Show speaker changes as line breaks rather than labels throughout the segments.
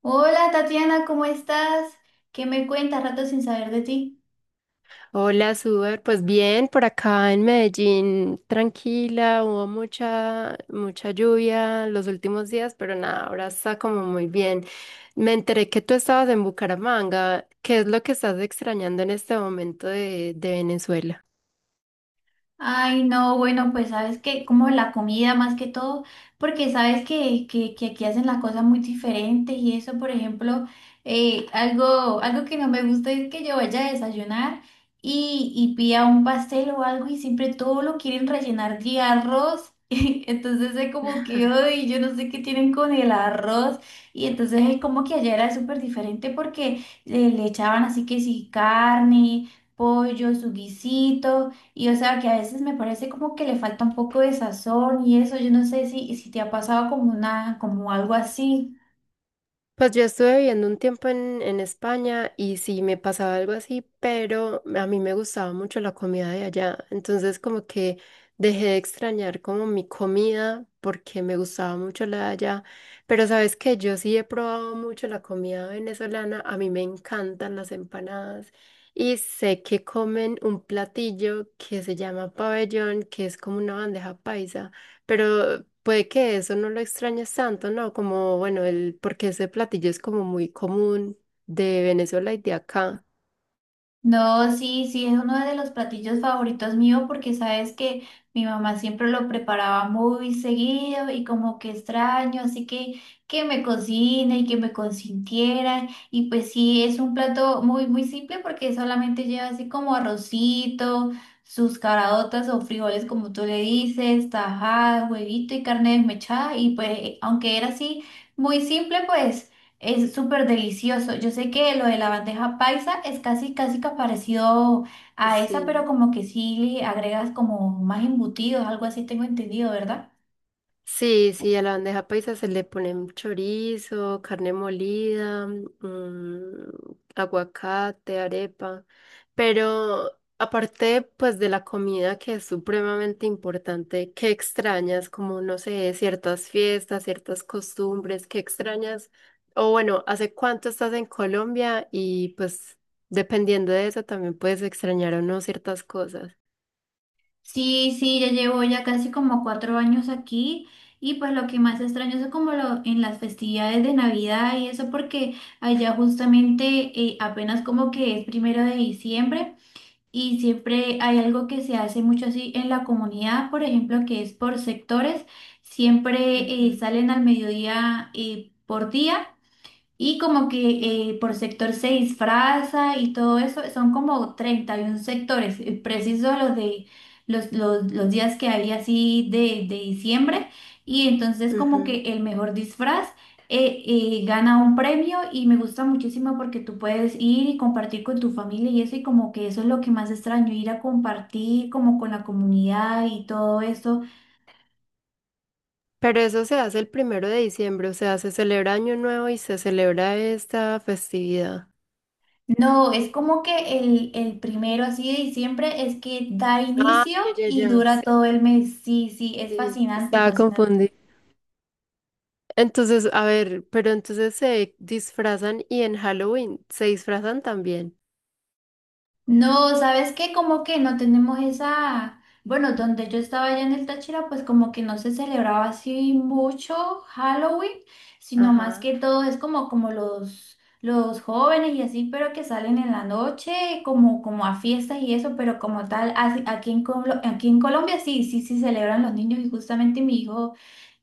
Hola Tatiana, ¿cómo estás? ¿Qué me cuentas? Rato sin saber de ti.
Hola, Suber. Pues bien, por acá en Medellín, tranquila, hubo mucha, mucha lluvia los últimos días, pero nada, ahora está como muy bien. Me enteré que tú estabas en Bucaramanga. ¿Qué es lo que estás extrañando en este momento de Venezuela?
Ay, no, bueno, pues sabes que como la comida más que todo, porque sabes que aquí hacen las cosas muy diferentes y eso, por ejemplo, algo que no me gusta es que yo vaya a desayunar y pida un pastel o algo y siempre todo lo quieren rellenar de arroz. Entonces es como que, ay, yo no sé qué tienen con el arroz. Y entonces es como que allá era súper diferente porque le echaban así que sí carne, pollo, su guisito. Y o sea que a veces me parece como que le falta un poco de sazón y eso, yo no sé si te ha pasado como una, como algo así.
Pues yo estuve viviendo un tiempo en España y sí me pasaba algo así, pero a mí me gustaba mucho la comida de allá. Entonces como que dejé de extrañar como mi comida porque me gustaba mucho la de allá. Pero sabes que yo sí he probado mucho la comida venezolana. A mí me encantan las empanadas y sé que comen un platillo que se llama pabellón, que es como una bandeja paisa. Pero puede que eso no lo extrañes tanto, ¿no? Como, bueno, el, porque ese platillo es como muy común de Venezuela y de acá.
No, sí, sí, es uno de los platillos favoritos mío porque sabes que mi mamá siempre lo preparaba muy seguido y como que extraño, así que me cocine y que me consintiera. Y pues sí, es un plato muy, muy simple porque solamente lleva así como arrocito, sus caraotas o frijoles como tú le dices, tajada, huevito y carne desmechada. Y pues aunque era así muy simple, pues... Es súper delicioso. Yo sé que lo de la bandeja paisa es casi, casi que parecido a esa, pero
Sí.
como que sí le agregas como más embutidos, algo así tengo entendido, ¿verdad?
Sí, sí, a la bandeja paisa se le ponen chorizo, carne molida, mm, aguacate, arepa, pero aparte pues de la comida que es supremamente importante, ¿qué extrañas? Como no sé, ciertas fiestas, ciertas costumbres, ¿qué extrañas? O bueno, ¿hace cuánto estás en Colombia? Y pues dependiendo de eso también puedes extrañar o no ciertas cosas.
Sí, sí, ya llevo ya casi como 4 años aquí y pues lo que más extraño es como lo, en las festividades de Navidad y eso porque allá justamente apenas como que es primero de diciembre. Y siempre hay algo que se hace mucho así en la comunidad, por ejemplo, que es por sectores. Siempre salen al mediodía por día y como que por sector se disfraza y todo eso, son como 31 sectores, preciso los de los días que había así de diciembre. Y entonces
Ujú.
como
Ujú.
que el mejor disfraz gana un premio y me gusta muchísimo porque tú puedes ir y compartir con tu familia y eso, y como que eso es lo que más extraño, ir a compartir como con la comunidad y todo eso.
Pero eso se hace el 1 de diciembre, o sea, se celebra Año Nuevo y se celebra esta festividad.
No, es como que el primero así de diciembre es que da
Ah,
inicio
ya, ya,
y
ya.
dura
Sí,
todo el mes. Sí, sí, es
sí,
fascinante,
estaba
fascinante.
confundida. Entonces, a ver, pero entonces se disfrazan y en Halloween se disfrazan también.
No, ¿sabes qué? Como que no tenemos esa, bueno, donde yo estaba allá en el Táchira, pues como que no se celebraba así mucho Halloween, sino más
Ajá.
que todo es como, como los jóvenes y así, pero que salen en la noche, como, como a fiestas y eso, pero como tal, aquí aquí en Colombia sí, sí, sí celebran los niños y justamente mi hijo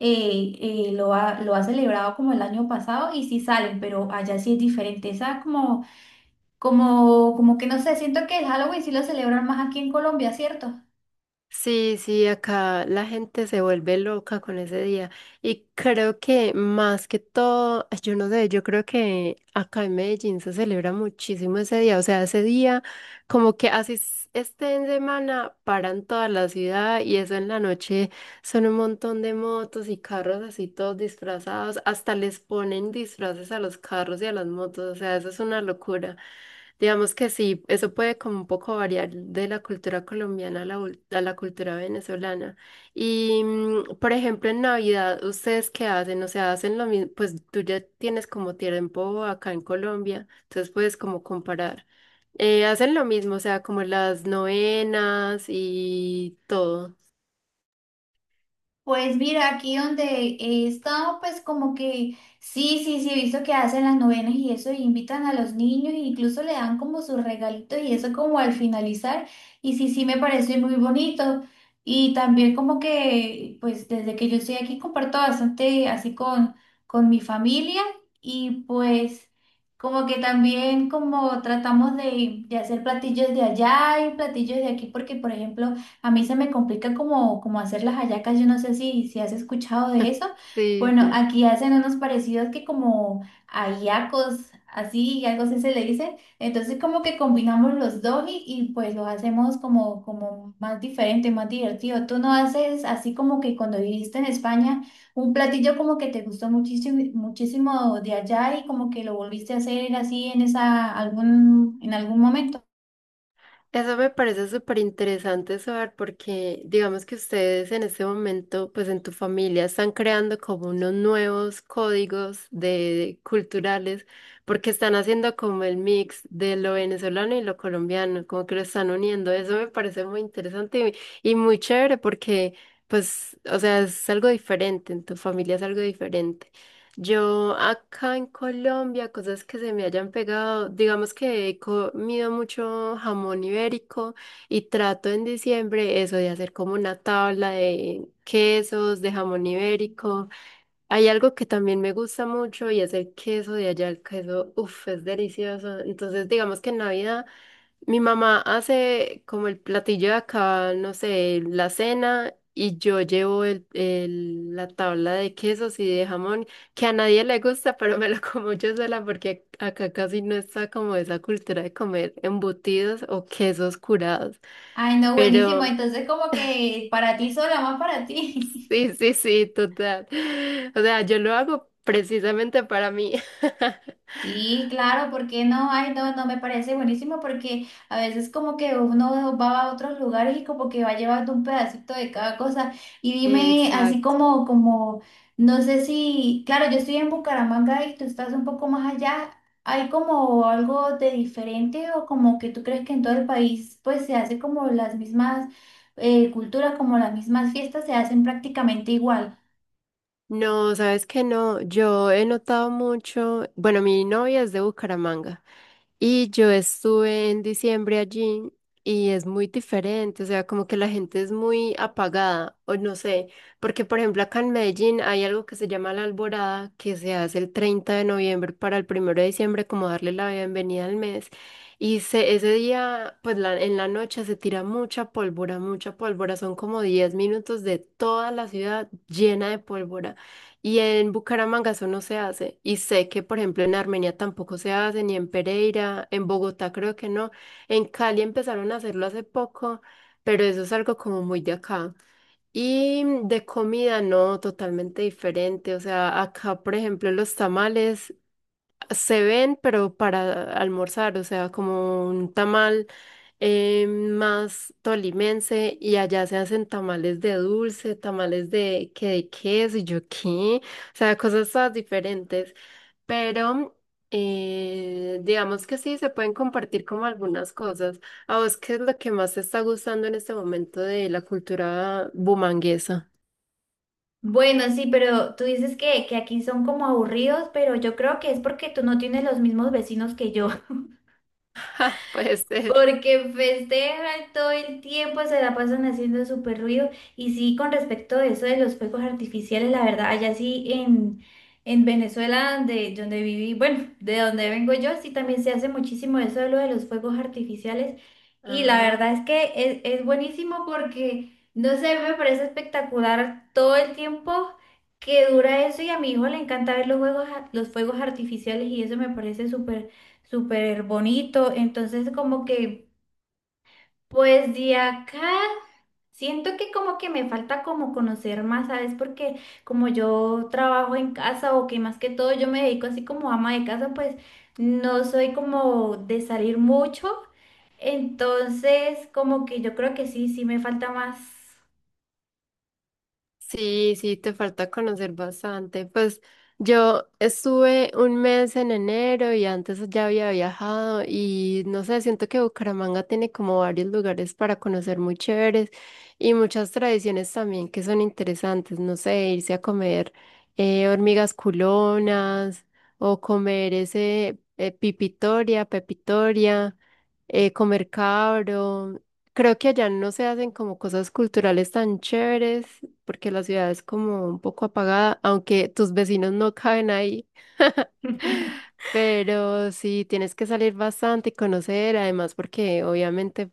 eh, lo ha celebrado como el año pasado y sí salen, pero allá sí es diferente, esa como... Como, como que no sé, siento que el Halloween sí lo celebran más aquí en Colombia, ¿cierto?
Sí, sí, acá la gente se vuelve loca con ese día. Y creo que más que todo, ay, yo no sé, yo creo que acá en Medellín se celebra muchísimo ese día. O sea, ese día, como que así esté en semana, paran toda la ciudad y eso en la noche son un montón de motos y carros así todos disfrazados. Hasta les ponen disfraces a los carros y a las motos. O sea, eso es una locura. Digamos que sí, eso puede como un poco variar de la cultura colombiana a a la cultura venezolana. Y, mm, por ejemplo, en Navidad, ¿ustedes qué hacen? O sea, hacen lo mismo, pues tú ya tienes como tiempo acá en Colombia, entonces puedes como comparar. Hacen lo mismo, o sea, como las novenas y todo.
Pues mira, aquí donde he estado, pues como que sí, sí, sí, he visto que hacen las novenas y eso, y invitan a los niños, e incluso le dan como sus regalitos y eso como al finalizar, y sí, sí, me parece muy bonito. Y también como que, pues desde que yo estoy aquí comparto bastante así con mi familia y pues como que también como tratamos de hacer platillos de allá y platillos de aquí, porque por ejemplo... A mí se me complica como, como hacer las hallacas, yo no sé si has escuchado de eso.
Sí,
Bueno,
sí.
aquí hacen unos parecidos que como hallacos, así, y algo así se le dice. Entonces como que combinamos los dos pues los hacemos como, como más diferente, más divertido. Tú no haces así como que cuando viviste en España, un platillo como que te gustó muchísimo, muchísimo de allá y como que lo volviste a hacer así en esa, algún, en algún momento.
Eso me parece súper interesante saber porque digamos que ustedes en este momento, pues en tu familia, están creando como unos nuevos códigos de, culturales porque están haciendo como el mix de lo venezolano y lo colombiano, como que lo están uniendo. Eso me parece muy interesante y muy chévere porque, pues, o sea, es algo diferente, en tu familia es algo diferente. Yo acá en Colombia, cosas que se me hayan pegado, digamos que he comido mucho jamón ibérico y trato en diciembre eso de hacer como una tabla de quesos, de jamón ibérico. Hay algo que también me gusta mucho y es el queso de allá, el queso, uff, es delicioso. Entonces, digamos que en Navidad... Mi mamá hace como el platillo de acá, no sé, la cena y yo llevo la tabla de quesos y de jamón, que a nadie le gusta, pero me lo como yo sola porque acá casi no está como esa cultura de comer embutidos o quesos curados.
Ay, no, buenísimo.
Pero
Entonces, como que para ti sola, más para ti.
sí, sí, sí, total. O sea, yo lo hago precisamente para mí.
Sí, claro, ¿por qué no? Ay, no, no me parece buenísimo porque a veces como que uno va a otros lugares y como que va llevando un pedacito de cada cosa. Y dime, así
Exacto.
como, como, no sé si, claro, yo estoy en Bucaramanga y tú estás un poco más allá. ¿Hay como algo de diferente o como que tú crees que en todo el país pues se hace como las mismas culturas, como las mismas fiestas se hacen prácticamente igual?
No, sabes que no, yo he notado mucho, bueno, mi novia es de Bucaramanga. Y yo estuve en diciembre allí y es muy diferente, o sea, como que la gente es muy apagada, o no sé, porque por ejemplo acá en Medellín hay algo que se llama la Alborada, que se hace el 30 de noviembre para el 1 de diciembre, como darle la bienvenida al mes. Y ese día, pues en la noche se tira mucha pólvora, son como 10 minutos de toda la ciudad llena de pólvora. Y en Bucaramanga eso no se hace. Y sé que, por ejemplo, en Armenia tampoco se hace, ni en Pereira, en Bogotá creo que no. En Cali empezaron a hacerlo hace poco, pero eso es algo como muy de acá. Y de comida, no, totalmente diferente. O sea, acá, por ejemplo, los tamales se ven, pero para almorzar, o sea, como un tamal más tolimense y allá se hacen tamales de dulce, tamales de que de queso y yo qué, o sea, cosas todas diferentes, pero digamos que sí, se pueden compartir como algunas cosas. ¿A vos qué es lo que más te está gustando en este momento de la cultura bumanguesa?
Bueno, sí, pero tú dices que aquí son como aburridos, pero yo creo que es porque tú no tienes los mismos vecinos que yo.
Ja, puede ser.
Porque festejan todo el tiempo, se la pasan haciendo súper ruido. Y sí, con respecto a eso de los fuegos artificiales, la verdad, allá sí en Venezuela, donde viví, bueno, de donde vengo yo, sí también se hace muchísimo eso de lo de los fuegos artificiales. Y la
Ah.
verdad es que es buenísimo porque, no sé, me parece espectacular todo el tiempo que dura eso. Y a mi hijo le encanta ver los juegos, los fuegos artificiales y eso me parece súper súper bonito. Entonces, como que, pues de acá, siento que como que me falta como conocer más, ¿sabes? Porque como yo trabajo en casa o que más que todo yo me dedico así como ama de casa, pues no soy como de salir mucho. Entonces, como que yo creo que sí, sí me falta más.
Sí, sí, te falta conocer bastante. Pues yo estuve 1 mes en enero y antes ya había viajado y no sé, siento que Bucaramanga tiene como varios lugares para conocer muy chéveres y muchas tradiciones también que son interesantes. No sé, irse a comer hormigas culonas o comer ese pipitoria, pepitoria comer cabro. Creo que allá no se hacen como cosas culturales tan chéveres porque la ciudad es como un poco apagada, aunque tus vecinos no caben ahí. Pero sí, tienes que salir bastante y conocer, además porque obviamente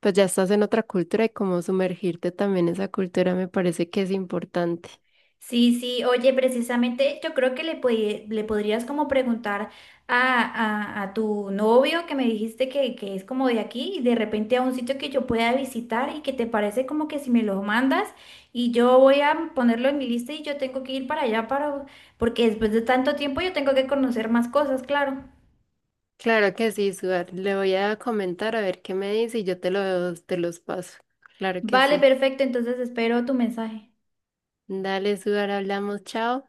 pues ya estás en otra cultura y como sumergirte también en esa cultura me parece que es importante.
Sí, sí, oye, precisamente yo creo que le podrías como preguntar a, a tu novio que me dijiste que es como de aquí y de repente a un sitio que yo pueda visitar y que te parece como que si me lo mandas y yo voy a ponerlo en mi lista y yo tengo que ir para allá para, porque después de tanto tiempo yo tengo que conocer más cosas, claro.
Claro que sí, Suar. Le voy a comentar a ver qué me dice y yo te los paso. Claro que
Vale,
sí.
perfecto, entonces espero tu mensaje.
Dale, Suar, hablamos, chao.